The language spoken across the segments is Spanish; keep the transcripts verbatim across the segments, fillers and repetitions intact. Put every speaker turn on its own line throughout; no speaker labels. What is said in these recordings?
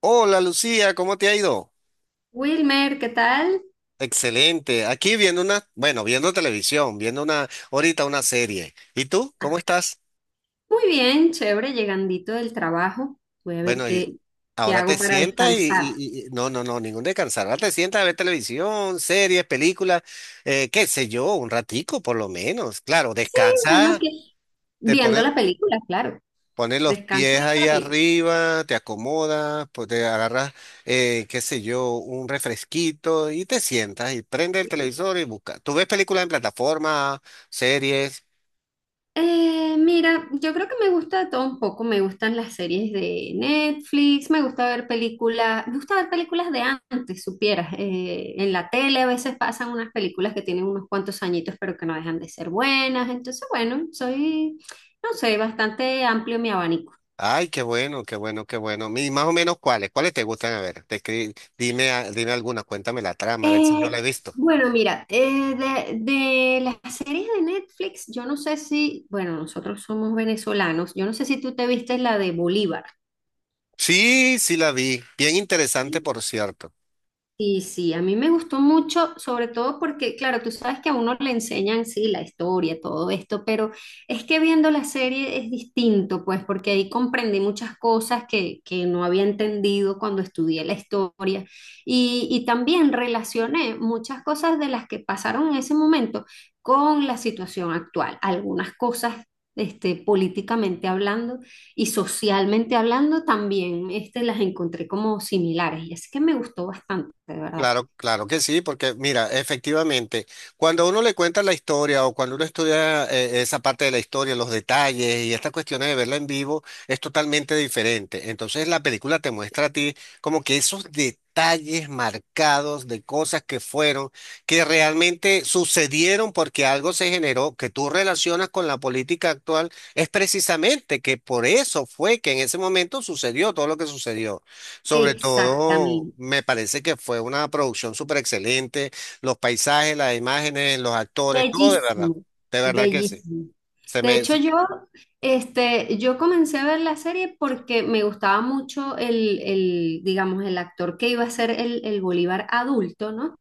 Hola Lucía, ¿cómo te ha ido?
Wilmer, ¿qué tal?
Excelente. Aquí viendo una, bueno, viendo televisión, viendo una, ahorita una serie. ¿Y tú? ¿Cómo estás?
Muy bien, chévere, llegandito del trabajo. Voy a ver
Bueno, y
qué, qué
ahora te
hago para
sientas y,
descansar.
y- y- y- no, no, no, ningún descansar. Ahora te sientas a ver televisión, series, películas, eh, qué sé yo, un ratico por lo menos. Claro,
Sí, bueno,
descansa,
que
te
viendo
pones.
la película, claro.
Pones los
Descanso
pies
viendo
ahí
la película.
arriba, te acomodas, pues te agarras, eh, qué sé yo, un refresquito y te sientas y prende el
Sí.
televisor y busca. Tú ves películas en plataforma, series.
Eh, mira, yo creo que me gusta de todo un poco. Me gustan las series de Netflix, me gusta ver películas, me gusta ver películas de antes, supieras. Eh, en la tele a veces pasan unas películas que tienen unos cuantos añitos, pero que no dejan de ser buenas. Entonces, bueno, soy, no sé, bastante amplio mi abanico.
Ay, qué bueno, qué bueno, qué bueno. Y más o menos cuáles, cuáles te gustan a ver. Te escri- dime, a- dime alguna, cuéntame la trama, a ver si yo la
Eh,
he visto.
bueno, mira, eh, de, de las series de Netflix, yo no sé si, bueno, nosotros somos venezolanos, yo no sé si tú te viste la de Bolívar.
Sí, sí la vi. Bien interesante,
¿Sí?
por cierto.
Sí, sí, a mí me gustó mucho, sobre todo porque, claro, tú sabes que a uno le enseñan, sí, la historia, todo esto, pero es que viendo la serie es distinto, pues, porque ahí comprendí muchas cosas que, que no había entendido cuando estudié la historia y, y también relacioné muchas cosas de las que pasaron en ese momento con la situación actual, algunas cosas, este, políticamente hablando y socialmente hablando también, este, las encontré como similares y así que me gustó bastante, de verdad.
Claro, claro que sí, porque mira, efectivamente, cuando uno le cuenta la historia o cuando uno estudia eh, esa parte de la historia, los detalles y estas cuestiones de verla en vivo, es totalmente diferente. Entonces la película te muestra a ti como que esos detalles marcados de cosas que fueron, que realmente sucedieron porque algo se generó, que tú relacionas con la política actual, es precisamente que por eso fue que en ese momento sucedió todo lo que sucedió. Sobre todo,
Exactamente.
me parece que fue una producción súper excelente. Los paisajes, las imágenes, los actores, todo de verdad.
Bellísimo,
De verdad que sí.
bellísimo.
Se
De
me...
hecho,
se-
yo, este, yo comencé a ver la serie porque me gustaba mucho el, el, digamos, el actor que iba a ser el, el Bolívar adulto, ¿no?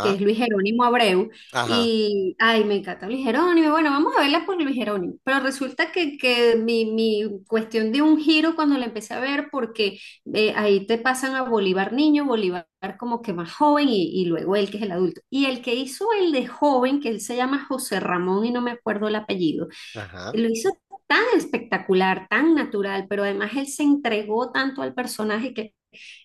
Que es Luis Jerónimo Abreu.
ajá,
Y, ay, me encanta Luis Jerónimo. Bueno, vamos a verla por Luis Jerónimo. Pero resulta que, que mi, mi cuestión dio un giro cuando la empecé a ver porque eh, ahí te pasan a Bolívar niño, Bolívar como que más joven y, y luego él que es el adulto. Y el que hizo el de joven, que él se llama José Ramón y no me acuerdo el apellido,
ajá.
lo hizo tan espectacular, tan natural, pero además él se entregó tanto al personaje que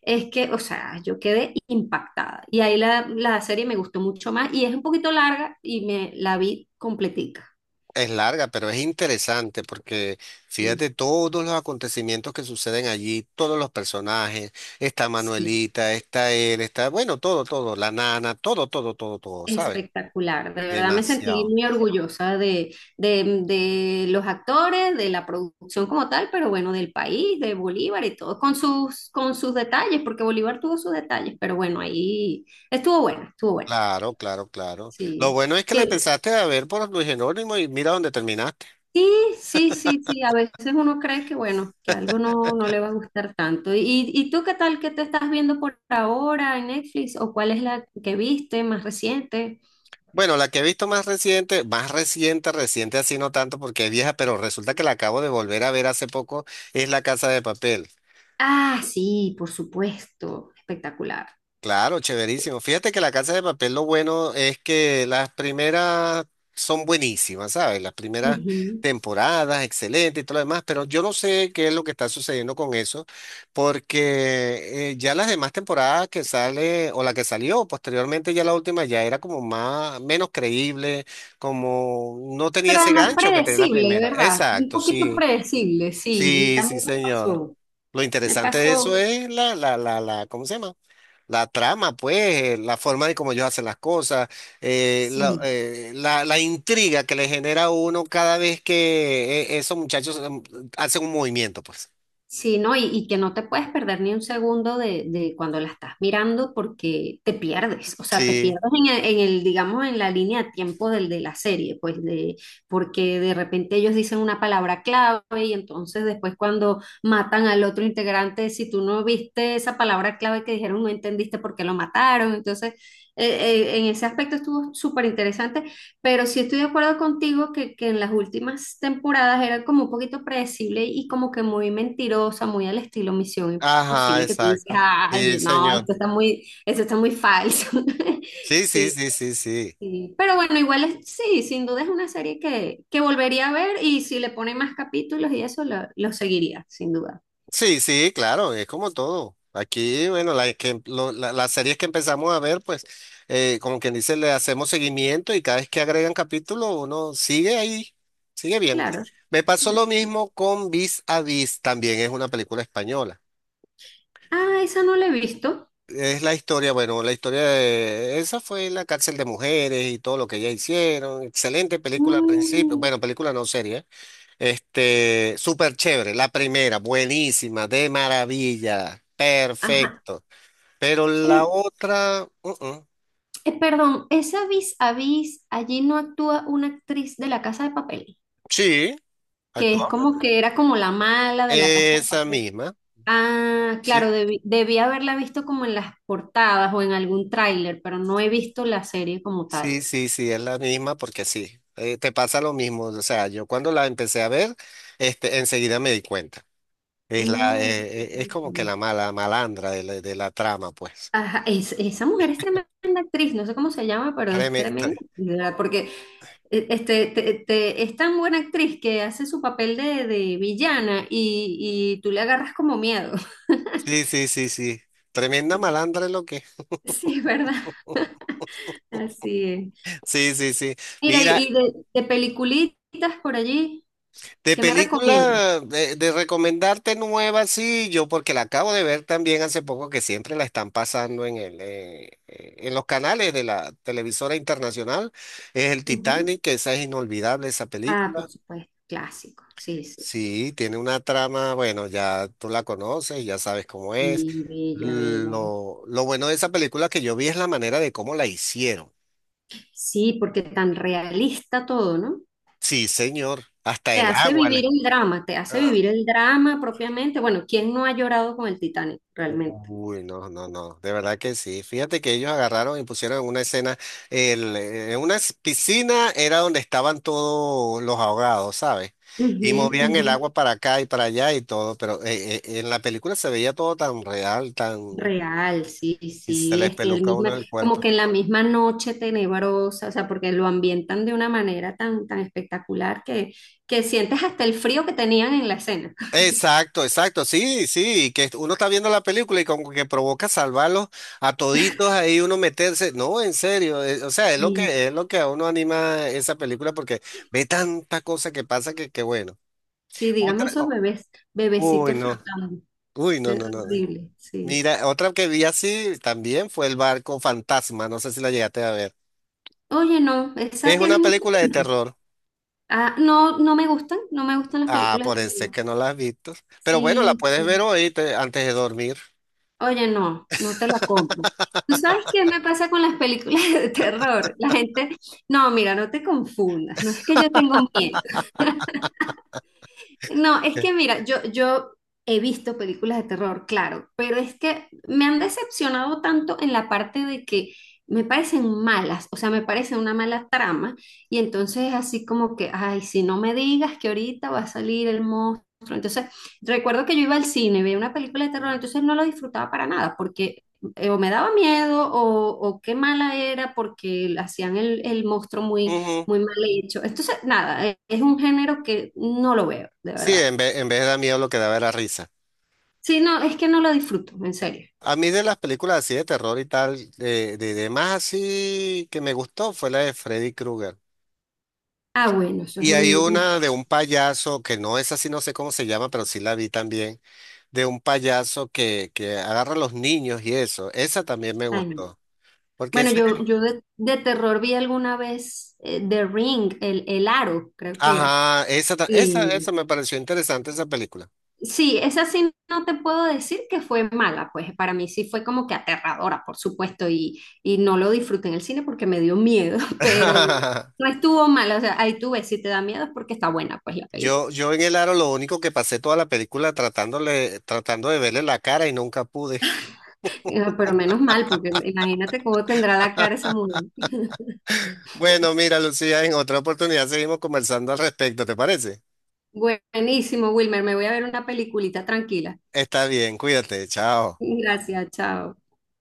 es que, o sea, yo quedé impactada. Y ahí la, la serie me gustó mucho más y es un poquito larga y me la vi completica.
Es larga, pero es interesante porque fíjate todos los acontecimientos que suceden allí, todos los personajes. Está
Sí.
Manuelita, está él, está, bueno, todo, todo, la nana, todo, todo, todo, todo, ¿sabes?
Espectacular, de verdad me sentí
Demasiado.
muy orgullosa de, de- de los actores, de la producción como tal, pero bueno, del país, de Bolívar y todo, con sus, con sus detalles, porque Bolívar tuvo sus detalles, pero bueno, ahí estuvo bueno, estuvo bueno,
Claro, claro, claro. Lo
sí.
bueno es que la
Que,
empezaste a ver por Luis Genónimo y mira dónde terminaste.
sí, sí, sí, sí, a veces uno cree que bueno, que algo no, no le va a gustar tanto. ¿Y, y tú qué tal que te estás viendo por ahora en Netflix o cuál es la que viste más reciente?
Bueno, la que he visto más reciente, más reciente, reciente así no tanto porque es vieja, pero resulta que la acabo de volver a ver hace poco, es La Casa de Papel.
Ah, sí, por supuesto, espectacular.
Claro, chéverísimo. Fíjate que La Casa de Papel lo bueno es que las primeras son buenísimas, ¿sabes? Las primeras
Ujú.
temporadas, excelente y todo lo demás, pero yo no sé qué es lo que está sucediendo con eso, porque eh, ya las demás temporadas que sale o la que salió posteriormente, ya la última ya era como más, menos creíble, como no tenía
Pero
ese
además
gancho que tenía la
predecible,
primera.
¿verdad? Un
Exacto,
poquito
sí,
predecible, sí,
sí, sí,
también me
señor.
pasó.
Lo
Me
interesante de eso
pasó,
es la, la, la, la, ¿cómo se llama? La trama, pues, eh, la forma de cómo ellos hacen las cosas, eh, la,
sí.
eh, la- la intriga que le genera a uno cada vez que eh, esos muchachos em, hacen un movimiento, pues.
Sí, ¿no? Y, y que no te puedes perder ni un segundo de, de cuando la estás mirando porque te pierdes, o sea, te
Sí.
pierdes en el, en el, digamos, en la línea de tiempo del, de la serie, pues de, porque de repente ellos dicen una palabra clave y entonces después cuando matan al otro integrante, si tú no viste esa palabra clave que dijeron, no entendiste por qué lo mataron, entonces eh, eh, en ese aspecto estuvo súper interesante pero sí estoy de acuerdo contigo que, que en las últimas temporadas era como un poquito predecible y como que muy mentirosa, muy al estilo Misión
Ajá,
Imposible, que tú dices,
exacto. Sí,
ay, no,
señor.
esto está muy, eso está muy falso.
Sí, sí,
Sí,
sí, sí, sí.
sí. Pero bueno, igual es, sí, sin duda es una serie que, que volvería a ver y si le ponen más capítulos y eso, lo, lo seguiría, sin duda.
Sí, sí, claro, es como todo. Aquí, bueno, la que- lo- la- las series que empezamos a ver, pues, eh, como quien dice, le hacemos seguimiento y cada vez que agregan capítulo, uno sigue ahí, sigue bien.
Claro.
Me pasó lo mismo con Vis a Vis, también es una película española.
Ah, esa no la he visto.
Es la historia, bueno, la historia de esa fue la cárcel de mujeres y todo lo que ellas hicieron. Excelente película al principio,
Mm,
bueno, película no serie. Este, súper chévere. La primera, buenísima, de maravilla,
ajá.
perfecto. Pero la
eh,
otra, mm, mm.
Eh, perdón, esa Vis a Vis, allí no actúa una actriz de La Casa de Papel,
Sí,
que es
actuamos.
como que era como la mala de La Casa de
Esa
Papel.
misma,
Ah, claro,
sí.
debí, debí haberla visto como en las portadas o en algún tráiler, pero no he visto la serie como tal.
Sí, sí, sí, es la misma porque sí. eh, te pasa lo mismo. O sea, yo cuando la empecé a ver, este, enseguida me di cuenta. Es la,
Mm.
eh, eh, es como que la mala malandra de la, de la trama, pues.
Ajá, es- esa mujer es tremenda actriz, no sé cómo se llama, pero es
Treme-
tremenda,
tre-
¿verdad? Porque eh, este, te- te- es tan buena actriz que hace su papel de, de villana y, y tú le agarras como miedo.
sí, sí, sí, sí. Tremenda malandra es lo que.
Sí, ¿verdad? Así es.
Sí, sí, sí.
Mira,
Mira,
y y de, de peliculitas por allí,
de
¿qué me recomiendas?
película, de, de recomendarte nueva, sí, yo porque la acabo de ver también hace poco que siempre la están pasando en el, eh, eh, en los canales de la televisora internacional, es el
Ujú.
Titanic, que esa es inolvidable esa
Ah,
película.
por supuesto, clásico. Sí, sí, sí.
Sí, tiene una trama, bueno, ya tú la conoces, ya sabes cómo es.
Sí, bella, bella.
Lo, lo bueno de esa película que yo vi es la manera de cómo la hicieron.
Sí, porque tan realista todo, ¿no?
Sí, señor, hasta
Te
el
hace
agua.
vivir el drama, te hace vivir el drama propiamente. Bueno, ¿quién no ha llorado con el Titanic realmente?
Uy, no, no, no, de verdad que sí. Fíjate que ellos agarraron y pusieron en una escena, el, eh, en una s- piscina era donde estaban todos los ahogados, ¿sabes? Y
Ujú,
movían el
ujú.
agua para acá y para allá y todo, pero eh, eh, en la película se veía todo tan real, tan...
Real, sí,
y se
sí,
les
este, el
peluca a uno
misma,
el
como
cuerpo.
que en la misma noche tenebrosa, o sea, porque lo ambientan de una manera tan, tan espectacular que, que sientes hasta el frío que tenían en la escena.
Exacto, exacto, sí, sí, que uno está viendo la película y como que provoca salvarlos a toditos ahí uno meterse, no, en serio, eh, o sea, es lo que
sí
es lo que a uno anima esa película porque ve tanta cosa que pasa que que bueno.
sí, dígame
Otra,
esos
o-
bebés,
uy,
bebecitos
no,
flotando,
uy, no,
es
no, no. No.
horrible, sí.
Mira, otra que vi así también fue El barco fantasma, no sé si la llegaste a ver.
Oye, no, esa
Es
tiene
una
mucho
película de
tiempo.
terror.
Ah, no, no me gustan, no me gustan las
Ah,
películas
por
de
eso es
terror.
que no la has visto. Pero bueno, la
Sí,
puedes ver
sí.
hoy te- antes de dormir.
Oye, no, no te la compro. ¿Tú sabes qué me pasa con las películas de terror? La gente, no, mira, no te confundas, no es que yo tengo miedo. No, es que mira, yo, yo he visto películas de terror, claro, pero es que me han decepcionado tanto en la parte de que me parecen malas, o sea, me parece una mala trama, y entonces así como que, ay, si no me digas que ahorita va a salir el monstruo. Entonces, recuerdo que yo iba al cine, veía una película de terror, entonces no lo disfrutaba para nada, porque eh, o me daba miedo o, o qué mala era porque hacían el, el monstruo muy
Ujú.
muy mal hecho. Entonces, nada, e- es un género que no lo veo, de
Sí,
verdad.
en vez, en vez de dar miedo lo que daba era risa.
Sí, no, es que no lo disfruto, en serio.
A mí de las películas así de terror y tal, eh, de, de más así que me gustó fue la de Freddy Krueger.
Ah, bueno, eso es
Y hay
un, un
una de un payaso, que no es así, no sé cómo se llama, pero sí la vi también, de un payaso que, que agarra a los niños y eso. Esa también me
extraño.
gustó. Porque
Bueno,
ese,
yo, yo de, de terror vi alguna vez eh, The Ring, el, el Aro, creo que era.
ajá, esa, ta- esa, esa
Y
me pareció interesante esa película.
sí, esa sí no te puedo decir que fue mala, pues para mí sí fue como que aterradora, por supuesto, y, y no lo disfruté en el cine porque me dio miedo, pero no estuvo mala, o sea, ahí tú ves, si te da miedo es porque está buena, pues la película.
Yo, yo en el aro lo único que pasé toda la película tratándole, tratando de verle la cara y nunca pude.
Ah, pero menos mal, porque imagínate cómo tendrá la cara esa mujer.
Bueno, mira, Lucía, en otra oportunidad seguimos conversando al respecto, ¿te parece?
Buenísimo, Wilmer. Me voy a ver una peliculita tranquila.
Está bien, cuídate, chao.
Gracias, chao.